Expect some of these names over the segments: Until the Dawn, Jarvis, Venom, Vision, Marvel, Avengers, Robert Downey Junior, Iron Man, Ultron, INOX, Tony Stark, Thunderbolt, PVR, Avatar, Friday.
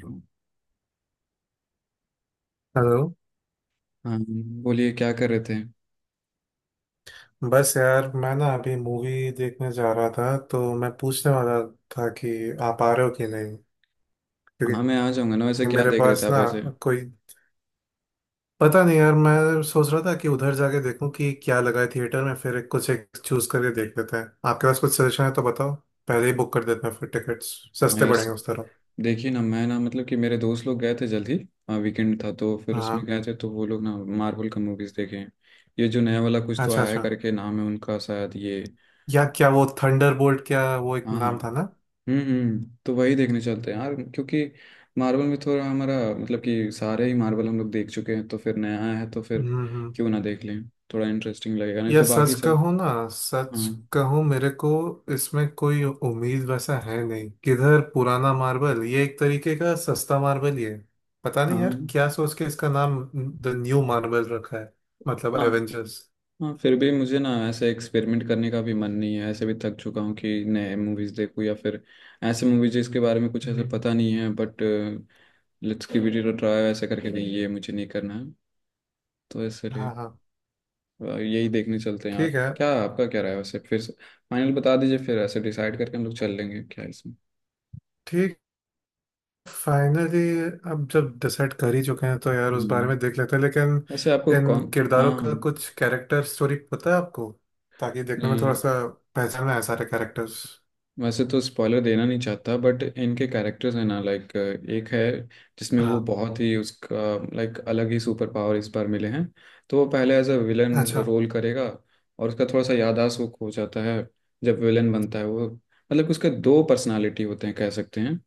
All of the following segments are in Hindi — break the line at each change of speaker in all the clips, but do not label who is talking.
हाँ।
हेलो।
बोलिए, क्या कर रहे थे।
बस यार मैं ना अभी मूवी देखने जा रहा था, तो मैं पूछने वाला था कि आप आ रहे हो कि नहीं,
हाँ, मैं
क्योंकि
आ जाऊंगा ना। वैसे क्या
मेरे
देख रहे
पास
थे आप
ना
वैसे।
कोई पता नहीं यार, मैं सोच रहा था कि उधर जाके देखूं कि क्या लगा है थिएटर में, फिर एक- कुछ एक चूज करके देख लेते हैं। आपके पास कुछ सजेशन है तो बताओ, पहले ही बुक कर देते हैं फिर, टिकट्स
हाँ
सस्ते
यार स-
पड़ेंगे उस तरफ।
देखिए ना, मैं ना मतलब कि मेरे दोस्त लोग गए थे जल्दी। हाँ, वीकेंड था तो फिर उसमें
हाँ।
गए थे तो वो लोग ना मार्वल का मूवीज देखे हैं। ये जो नया वाला कुछ तो
अच्छा
आया है
अच्छा।
करके नाम है उनका शायद ये।
या क्या वो थंडरबोल्ट, क्या वो एक
हाँ हाँ
नाम था ना।
तो वही देखने चलते हैं यार, क्योंकि मार्वल में थोड़ा हमारा मतलब कि सारे ही मार्वल हम लोग देख चुके हैं तो फिर नया आया है तो फिर
हम्म।
क्यों ना देख लें। थोड़ा इंटरेस्टिंग लगेगा, नहीं
या
तो बाकी
सच
सब।
कहूँ ना, सच
हाँ
कहूँ मेरे को, इसमें कोई उम्मीद वैसा है नहीं। किधर पुराना मार्बल, ये एक तरीके का सस्ता मार्बल ही है। पता नहीं यार
हाँ
क्या सोच के इसका नाम द न्यू मार्बल रखा है, मतलब
हाँ
एवेंजर्स।
हाँ। फिर भी मुझे ना ऐसे एक्सपेरिमेंट करने का भी मन नहीं है, ऐसे भी थक चुका हूँ कि नए मूवीज देखूँ या फिर ऐसे मूवीज जिसके बारे में कुछ ऐसे
हम्म।
पता नहीं है। But let's give it a try ऐसे करके नहीं, ये मुझे नहीं करना है, तो इसलिए
हाँ हाँ।
यही देखने चलते हैं
ठीक
यार।
है।
क्या आपका क्या राय है वैसे फिर। फाइनल बता दीजिए, फिर ऐसे डिसाइड करके हम लोग चल लेंगे। क्या है इसमें।
ठीक। फाइनली अब जब डिसाइड कर ही चुके हैं तो यार उस बारे
हम्म।
में देख लेते हैं, लेकिन
वैसे आपको
इन
कौन।
किरदारों का
हाँ।
कुछ कैरेक्टर स्टोरी पता है आपको? ताकि देखने में थोड़ा
नहीं,
सा पहचान में आए सारे कैरेक्टर्स।
वैसे तो स्पॉइलर देना नहीं चाहता बट इनके कैरेक्टर्स हैं ना, लाइक एक है जिसमें वो
हाँ।
बहुत ही उसका लाइक अलग ही सुपर पावर इस बार मिले हैं। तो वो पहले एज अ विलन
अच्छा
रोल करेगा। और उसका थोड़ा सा याददाश्त वो खो जाता है जब विलन बनता है वो। मतलब उसके दो पर्सनालिटी होते हैं कह सकते हैं।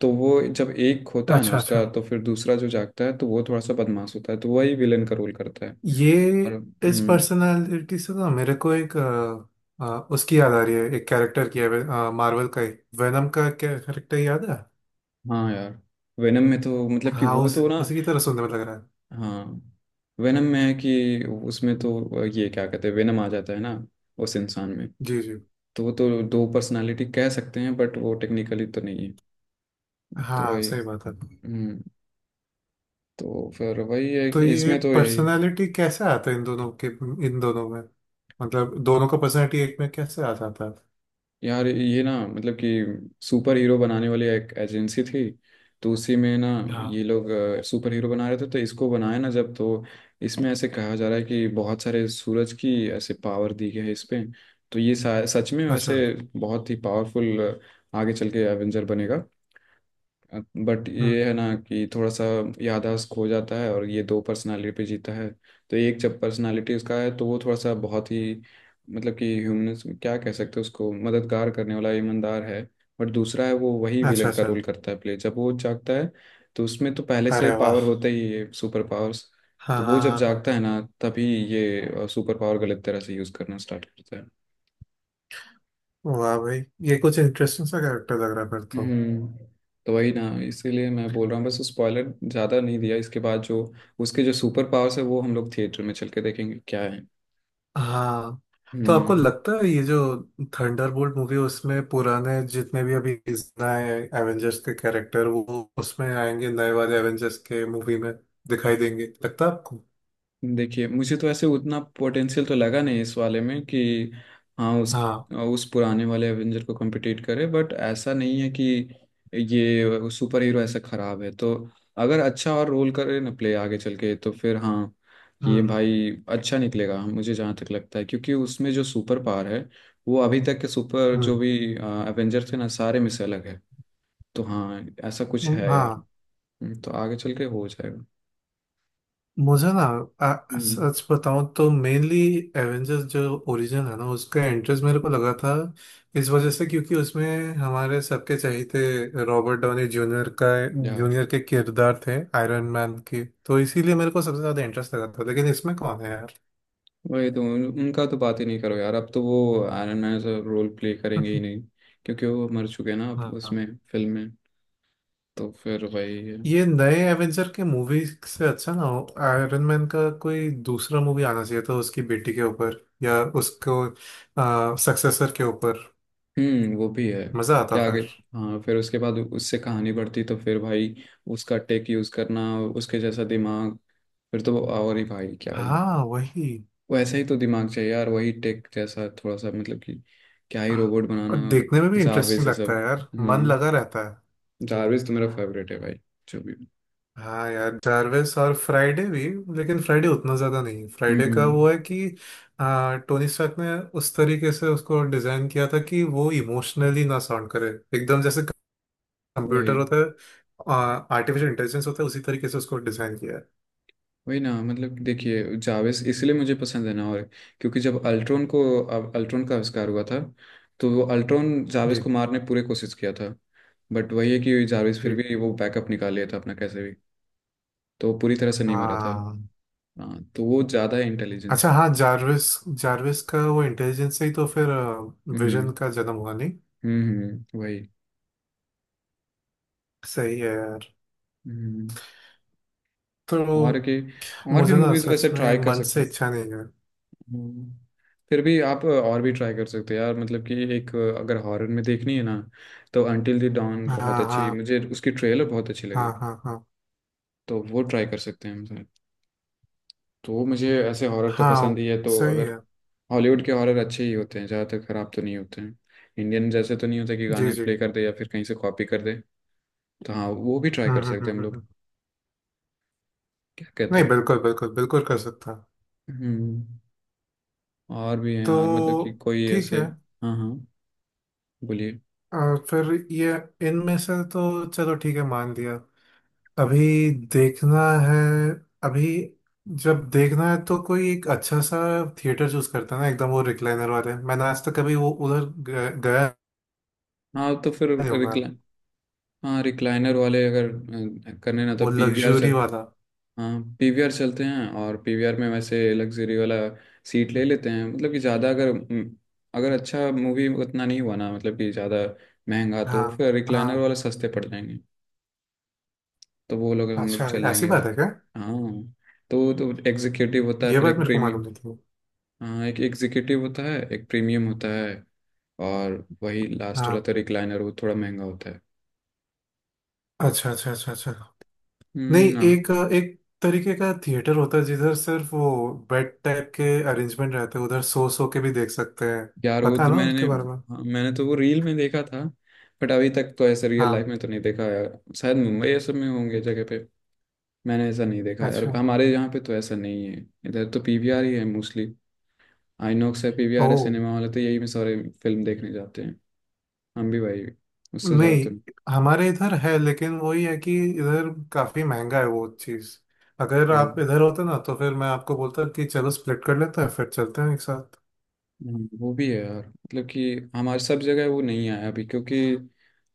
तो वो जब एक होता है ना
अच्छा अच्छा।
उसका तो फिर दूसरा जो जागता है तो वो थोड़ा सा बदमाश होता है, तो वही विलन का रोल करता है।
ये
और
इस
हम्म।
पर्सनालिटी से ना मेरे को एक उसकी याद आ रही है, एक कैरेक्टर की है, मार्वल का ही। वेनम का कैरेक्टर याद है?
हाँ यार, वेनम में तो मतलब कि
हाँ
वो
उस
तो ना।
उसी की तरह सुनने में लग रहा है।
हाँ, वेनम में है कि उसमें तो ये क्या कहते हैं, वेनम आ जाता है ना उस इंसान में।
जी जी।
तो वो तो दो पर्सनालिटी कह सकते हैं बट वो टेक्निकली तो नहीं है। तो
हाँ
वही।
सही बात है।
हम्म। तो फिर वही है
तो
कि
ये
इसमें तो यही।
पर्सनालिटी कैसे आता है इन दोनों में, मतलब दोनों का पर्सनालिटी एक में कैसे आ जाता है?
यार ये ना मतलब कि सुपर हीरो बनाने वाली एक एजेंसी थी, तो उसी में ना ये
हाँ।
लोग सुपर हीरो बना रहे थे, तो इसको बनाया ना जब तो इसमें ऐसे कहा जा रहा है कि बहुत सारे सूरज की ऐसे पावर दी गई है इस पे। तो ये सच में
अच्छा।
वैसे बहुत ही पावरफुल आगे चल के एवेंजर बनेगा। बट
हम्म।
ये है ना कि थोड़ा सा याददाश्त खो जाता है और ये दो पर्सनालिटी पे जीता है। तो एक जब पर्सनालिटी उसका है तो वो थोड़ा सा बहुत ही मतलब कि ह्यूमनस, क्या कह सकते हैं, उसको मददगार करने वाला ईमानदार है। बट दूसरा है, वो वही
अच्छा
विलन का
अच्छा।
रोल करता है प्ले जब वो जागता है। तो उसमें तो पहले से
अरे वाह।
पावर होता ही है, सुपर पावर्स।
हाँ
तो वो
हाँ
जब
हाँ हाँ।
जागता है ना तभी ये सुपर पावर गलत तरह से यूज़ करना स्टार्ट करता है।
वाह भाई, ये कुछ इंटरेस्टिंग सा कैरेक्टर लग रहा है फिर तो।
हम्म। तो वही ना, इसीलिए मैं बोल रहा हूँ बस स्पॉइलर ज्यादा नहीं दिया। इसके बाद जो उसके जो सुपर पावर्स है वो हम लोग थिएटर में चल के देखेंगे क्या है।
हाँ। तो आपको
हम्म।
लगता है ये जो थंडरबोल्ट मूवी, उसमें पुराने जितने भी अभी, नए एवेंजर्स के कैरेक्टर वो उसमें आएंगे, नए वाले एवेंजर्स के मूवी में दिखाई देंगे लगता है आपको?
देखिए, मुझे तो ऐसे उतना पोटेंशियल तो लगा नहीं इस वाले में कि हाँ उस
हाँ।
उस पुराने वाले एवेंजर को कम्पिटिट करे। बट ऐसा नहीं है कि ये सुपर हीरो ऐसा खराब है, तो अगर अच्छा और रोल करे ना प्ले आगे चल के तो फिर हाँ, ये
हम्म
भाई अच्छा निकलेगा मुझे जहाँ तक लगता है, क्योंकि उसमें जो सुपर पावर है वो अभी तक के सुपर जो
हम्म
भी एवेंजर थे ना सारे में से अलग है। तो हाँ, ऐसा कुछ है यार।
हाँ।
तो आगे चल के हो जाएगा।
मुझे ना
हम्म।
सच बताऊं तो मेनली एवेंजर्स जो ओरिजिन है ना उसका इंटरेस्ट मेरे को लगा था, इस वजह से क्योंकि उसमें हमारे सबके चहेते रॉबर्ट डाउनी
यार
जूनियर के किरदार थे आयरन मैन के, तो इसीलिए मेरे को सबसे ज्यादा इंटरेस्ट लगा था, लेकिन इसमें कौन है यार।
वही तो उनका तो बात ही नहीं करो यार, अब तो वो आयरन मैन से रोल प्ले करेंगे ही नहीं, क्योंकि वो मर चुके हैं ना अब
हाँ
उसमें, फिल्म में। तो फिर वही है।
ये नए एवेंजर के मूवी से अच्छा ना हो, आयरन मैन का कोई दूसरा मूवी आना चाहिए था, उसकी बेटी के ऊपर या उसको सक्सेसर के ऊपर,
हम्म, वो भी है।
मजा आता।
क्या आगे। हाँ, फिर उसके बाद उससे कहानी बढ़ती तो फिर भाई उसका टेक यूज करना, उसके जैसा दिमाग, फिर तो वो और ही भाई क्या ही।
हाँ वही।
वैसा ही तो दिमाग चाहिए यार, वही टेक जैसा थोड़ा सा मतलब कि क्या ही रोबोट
और देखने में
बनाना।
भी
जारवेज
इंटरेस्टिंग
से
लगता
सब।
है यार, मन
हम्म।
लगा रहता है।
जारवेज तो मेरा फेवरेट है भाई, जो भी।
हाँ यार जार्विस और फ्राइडे भी। लेकिन फ्राइडे उतना ज्यादा नहीं, फ्राइडे का
हम्म।
वो है कि टोनी स्टार्क ने उस तरीके से उसको डिजाइन किया था कि वो इमोशनली ना साउंड करे, एकदम जैसे कंप्यूटर
वही
होता है, आर्टिफिशियल इंटेलिजेंस होता है, उसी तरीके से उसको डिजाइन किया है।
वही ना, मतलब देखिए, जावेस इसलिए मुझे पसंद है ना, और क्योंकि जब अल्ट्रॉन को, अब अल्ट्रॉन का आविष्कार हुआ था तो वो अल्ट्रॉन जावेस
जी
को मारने पूरे कोशिश किया था। बट वही है कि जावेस फिर
जी।
भी वो बैकअप निकाल लिया था अपना कैसे भी। तो वो पूरी तरह से नहीं मरा था।
हाँ
हाँ, तो वो ज़्यादा है इंटेलिजेंस।
अच्छा, हाँ जार्विस। जार्विस का वो इंटेलिजेंस से ही तो फिर विजन
हम्म
का जन्म हुआ नहीं।
वही।
सही है यार।
हम्म।
तो
और के और भी
मुझे ना
मूवीज वैसे
सच में
ट्राई कर
मन
सकते।
से इच्छा नहीं है।
हम्म। फिर भी आप और भी ट्राई कर सकते हो यार, मतलब कि एक, अगर हॉरर में देखनी है ना, तो अंटिल द डॉन
हाँ
बहुत अच्छी,
हाँ
मुझे उसकी ट्रेलर बहुत अच्छी लगी।
हाँ हाँ। हाँ
तो वो ट्राई कर सकते हैं हम सर। तो मुझे ऐसे हॉरर तो
हाँ।
पसंद ही है, तो
सही
अगर
है।
हॉलीवुड के हॉरर अच्छे ही होते हैं ज़्यादातर, खराब तो नहीं होते हैं, इंडियन जैसे तो नहीं होते कि
जी
गाने
जी।
प्ले कर दे या फिर कहीं से कॉपी कर दे। तो हाँ, वो भी ट्राई
हम्म
कर
हम्म हम्म
सकते हैं हम
हम्म,
लोग।
हम्म।
क्या कहते
नहीं
हैं।
बिल्कुल बिल्कुल बिल्कुल कर सकता हूँ।
हम्म। और भी हैं यार, मतलब कि
तो
कोई
ठीक
ऐसे।
है।
हाँ हाँ। बोलिए।
फिर ये इनमें से तो चलो ठीक है, मान दिया। अभी देखना है। अभी जब देखना है तो कोई एक अच्छा सा थिएटर चूज करता है ना, एकदम वो रिक्लाइनर वाले मैंने आज तक कभी वो उधर गया
हाँ, तो फिर
नहीं हूँ मैं।
हाँ, रिक्लाइनर वाले अगर करने ना, तो
वो
पीवीआर चल,
लग्जरी वाला।
हाँ, पीवीआर चलते हैं। और पीवीआर में वैसे लग्जरी वाला सीट ले लेते हैं, मतलब कि ज़्यादा अगर अगर अच्छा मूवी उतना नहीं हुआ ना मतलब कि ज़्यादा महंगा, तो
हाँ
फिर रिक्लाइनर
हाँ।
वाले सस्ते पड़ जाएंगे। तो वो लोग हम लोग
अच्छा
चल
ऐसी
लेंगे।
बात है
और
क्या?
हाँ, तो एग्जीक्यूटिव होता है,
ये
फिर
बात
एक
मेरे को मालूम
प्रीमियम,
नहीं थी।
हाँ, एक एग्जीक्यूटिव होता है, एक प्रीमियम होता है, और वही लास्ट
हाँ
वाला तो रिक्लाइनर, वो थोड़ा महंगा होता है।
अच्छा अच्छा अच्छा अच्छा। नहीं
हम्म। हाँ,
एक एक तरीके का थिएटर होता है जिधर सिर्फ वो बेड टाइप के अरेंजमेंट रहते हैं, उधर सो के भी देख सकते हैं,
यार वो
पता है
तो
ना
मैंने,
उनके बारे में?
हाँ, मैंने तो वो रील में देखा था। बट अभी तक तो ऐसे रियल लाइफ
हाँ।
में तो नहीं देखा यार, शायद मुंबई ये सब में होंगे जगह पे। मैंने ऐसा नहीं देखा यार,
अच्छा।
हमारे यहाँ पे तो ऐसा नहीं है। इधर तो पीवीआर ही है मोस्टली, आईनॉक्स है, पीवीआर
ओ।
है, सिनेमा वाले तो यही में सारे फिल्म देखने जाते हैं। हम भी भाई उससे ज़्यादा
नहीं
तो।
हमारे इधर है, लेकिन वही है कि इधर काफी महंगा है वो चीज। अगर
हाँ।
आप इधर होते ना तो फिर मैं आपको बोलता कि चलो स्प्लिट कर लेते हैं, फिर चलते हैं एक साथ।
वो भी है यार, मतलब कि हमारे सब जगह वो नहीं आया अभी, क्योंकि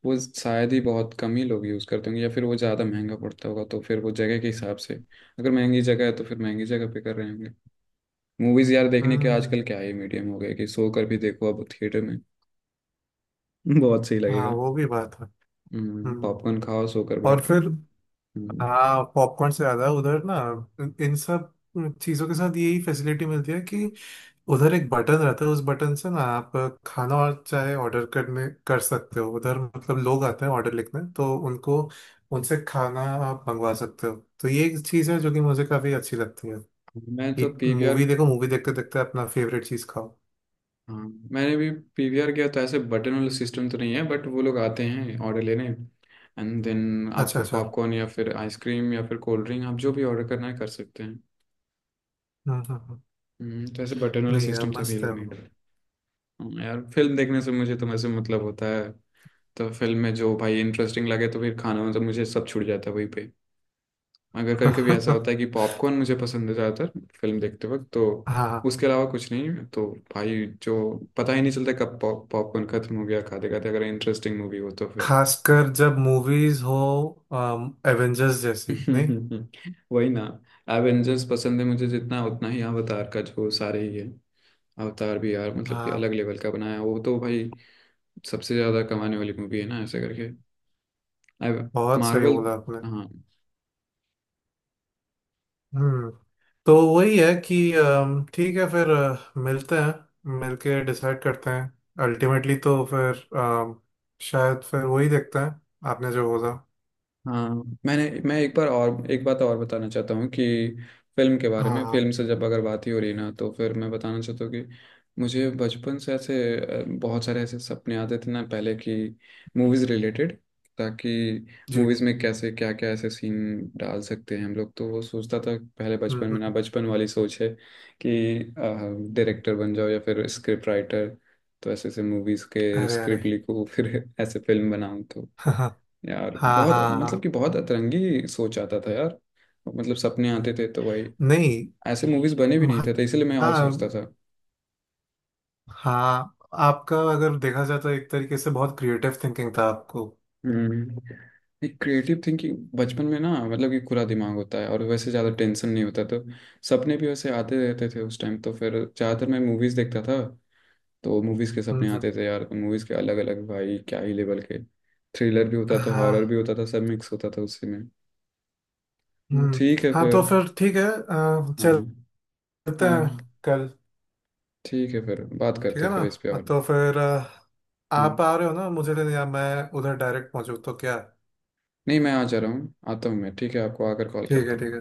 वो शायद ही बहुत कम ही लोग यूज़ करते होंगे या फिर वो ज़्यादा महंगा पड़ता होगा, तो फिर वो जगह के हिसाब से, अगर महंगी जगह है तो फिर महंगी जगह पे कर रहे होंगे। मूवीज़ यार देखने के
हम्म।
आजकल क्या ही मीडियम हो गए कि सो कर भी देखो अब थिएटर में। बहुत सही
हाँ
लगेगा।
वो भी बात है।
हम्म,
हम्म
पॉपकॉर्न खाओ सो कर बैठ
और
के।
फिर
हम्म।
हाँ, पॉपकॉर्न से ज्यादा उधर ना, इन सब चीजों के साथ यही फैसिलिटी मिलती है कि उधर एक बटन रहता है, उस बटन से ना आप खाना और चाहे ऑर्डर करने कर सकते हो। उधर मतलब लोग आते हैं ऑर्डर लिखने, तो उनको, उनसे खाना आप मंगवा सकते हो, तो ये एक चीज है जो कि मुझे काफी अच्छी लगती है,
मैं तो
कि
पीवीआर,
मूवी देखो, मूवी देखते देखते अपना फेवरेट चीज खाओ।
हाँ मैंने भी पीवीआर किया तो ऐसे बटन वाला सिस्टम तो नहीं है, बट वो लोग आते हैं ऑर्डर लेने, एंड देन आप
अच्छा अच्छा।
पॉपकॉर्न या फिर आइसक्रीम या फिर कोल्ड ड्रिंक, आप जो भी ऑर्डर करना है कर सकते हैं।
हम्म हम्म हम्म।
तो ऐसे बटन वाला
नहीं यार
सिस्टम सब ये
मस्त है
लोग नहीं
वो।
करते। हाँ, यार फिल्म देखने से मुझे तो वैसे मतलब होता है, तो फिल्म में जो भाई इंटरेस्टिंग लगे तो फिर खाना मतलब मुझे सब छूट जाता है वहीं पे। अगर कभी कभी ऐसा होता है कि पॉपकॉर्न मुझे पसंद है ज़्यादातर फिल्म देखते वक्त, तो
हाँ,
उसके अलावा कुछ नहीं, तो भाई जो पता ही नहीं चलता कब पॉपकॉर्न खत्म हो गया खाते खाते, अगर इंटरेस्टिंग मूवी हो तो फिर।
खासकर जब मूवीज हो, एवेंजर्स जैसी नहीं।
वही ना, एवेंजर्स पसंद है मुझे जितना उतना ही अवतार का जो सारे ही है। अवतार भी यार मतलब कि
हाँ
अलग लेवल का बनाया, वो तो भाई सबसे ज़्यादा कमाने वाली मूवी है ना ऐसे करके।
बहुत सही
मार्वल।
बोला आपने।
हाँ।
हम्म। तो वही है कि ठीक है फिर, मिलते हैं, मिलके डिसाइड करते हैं अल्टीमेटली। तो फिर शायद फिर वही देखते हैं आपने जो बोला।
हाँ, मैं एक बार और एक बात और बताना चाहता हूँ कि फिल्म के बारे
हाँ
में,
हाँ,
फिल्म से जब अगर बात ही हो रही ना तो फिर मैं बताना चाहता हूँ कि मुझे बचपन से ऐसे बहुत सारे ऐसे सपने आते थे ना पहले कि मूवीज़ रिलेटेड, ताकि
जी।
मूवीज़ में कैसे क्या क्या ऐसे सीन डाल सकते हैं हम लोग, तो वो सोचता था पहले
हम्म
बचपन
हम्म,
में ना,
हम्म,
बचपन वाली सोच है कि डायरेक्टर बन जाओ या फिर स्क्रिप्ट राइटर, तो ऐसे ऐसे मूवीज़ के
अरे अरे।
स्क्रिप्ट लिखो फिर ऐसे फिल्म बनाऊँ तो।
हाँ
यार
हाँ
बहुत मतलब
हाँ।
कि बहुत अतरंगी सोच आता था यार, मतलब सपने आते थे तो वही,
नहीं।
ऐसे मूवीज बने भी नहीं
हाँ
थे तो इसलिए मैं और सोचता था।
हाँ। आपका अगर देखा जाए तो एक तरीके से बहुत क्रिएटिव थिंकिंग था आपको।
हम्म। एक क्रिएटिव थिंकिंग बचपन में ना, मतलब कि खुला दिमाग होता है और वैसे ज़्यादा टेंशन नहीं होता तो सपने भी वैसे आते रहते थे उस टाइम, तो फिर ज़्यादातर मैं मूवीज़ देखता था, तो मूवीज़ के
हम्म
सपने
हम्म,
आते थे यार, मूवीज़ के अलग अलग भाई क्या ही लेवल के, थ्रिलर भी होता था,
हाँ।
हॉरर भी होता था, सब मिक्स होता था उसी में।
हम्म।
ठीक है
हाँ तो
फिर।
फिर ठीक है,
हाँ
चलते हैं
हाँ।
कल।
ठीक है, फिर बात
ठीक
करते
है
हैं
ना?
कभी इस पे और।
तो फिर
हम्म,
आप आ रहे हो ना मुझे लेने, या मैं उधर डायरेक्ट पहुंचू तो क्या?
नहीं मैं आ जा रहा हूँ, आता हूँ मैं, ठीक है, आपको आकर कॉल
ठीक है
करता हूँ।
ठीक है।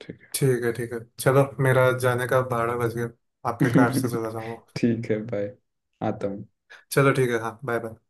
ठीक।
ठीक है ठीक है। चलो मेरा जाने का भाड़ा बच गया, आपके कार से
है
चला जाऊंगा।
ठीक है बाय। आता हूँ।
चलो ठीक है। हाँ बाय बाय।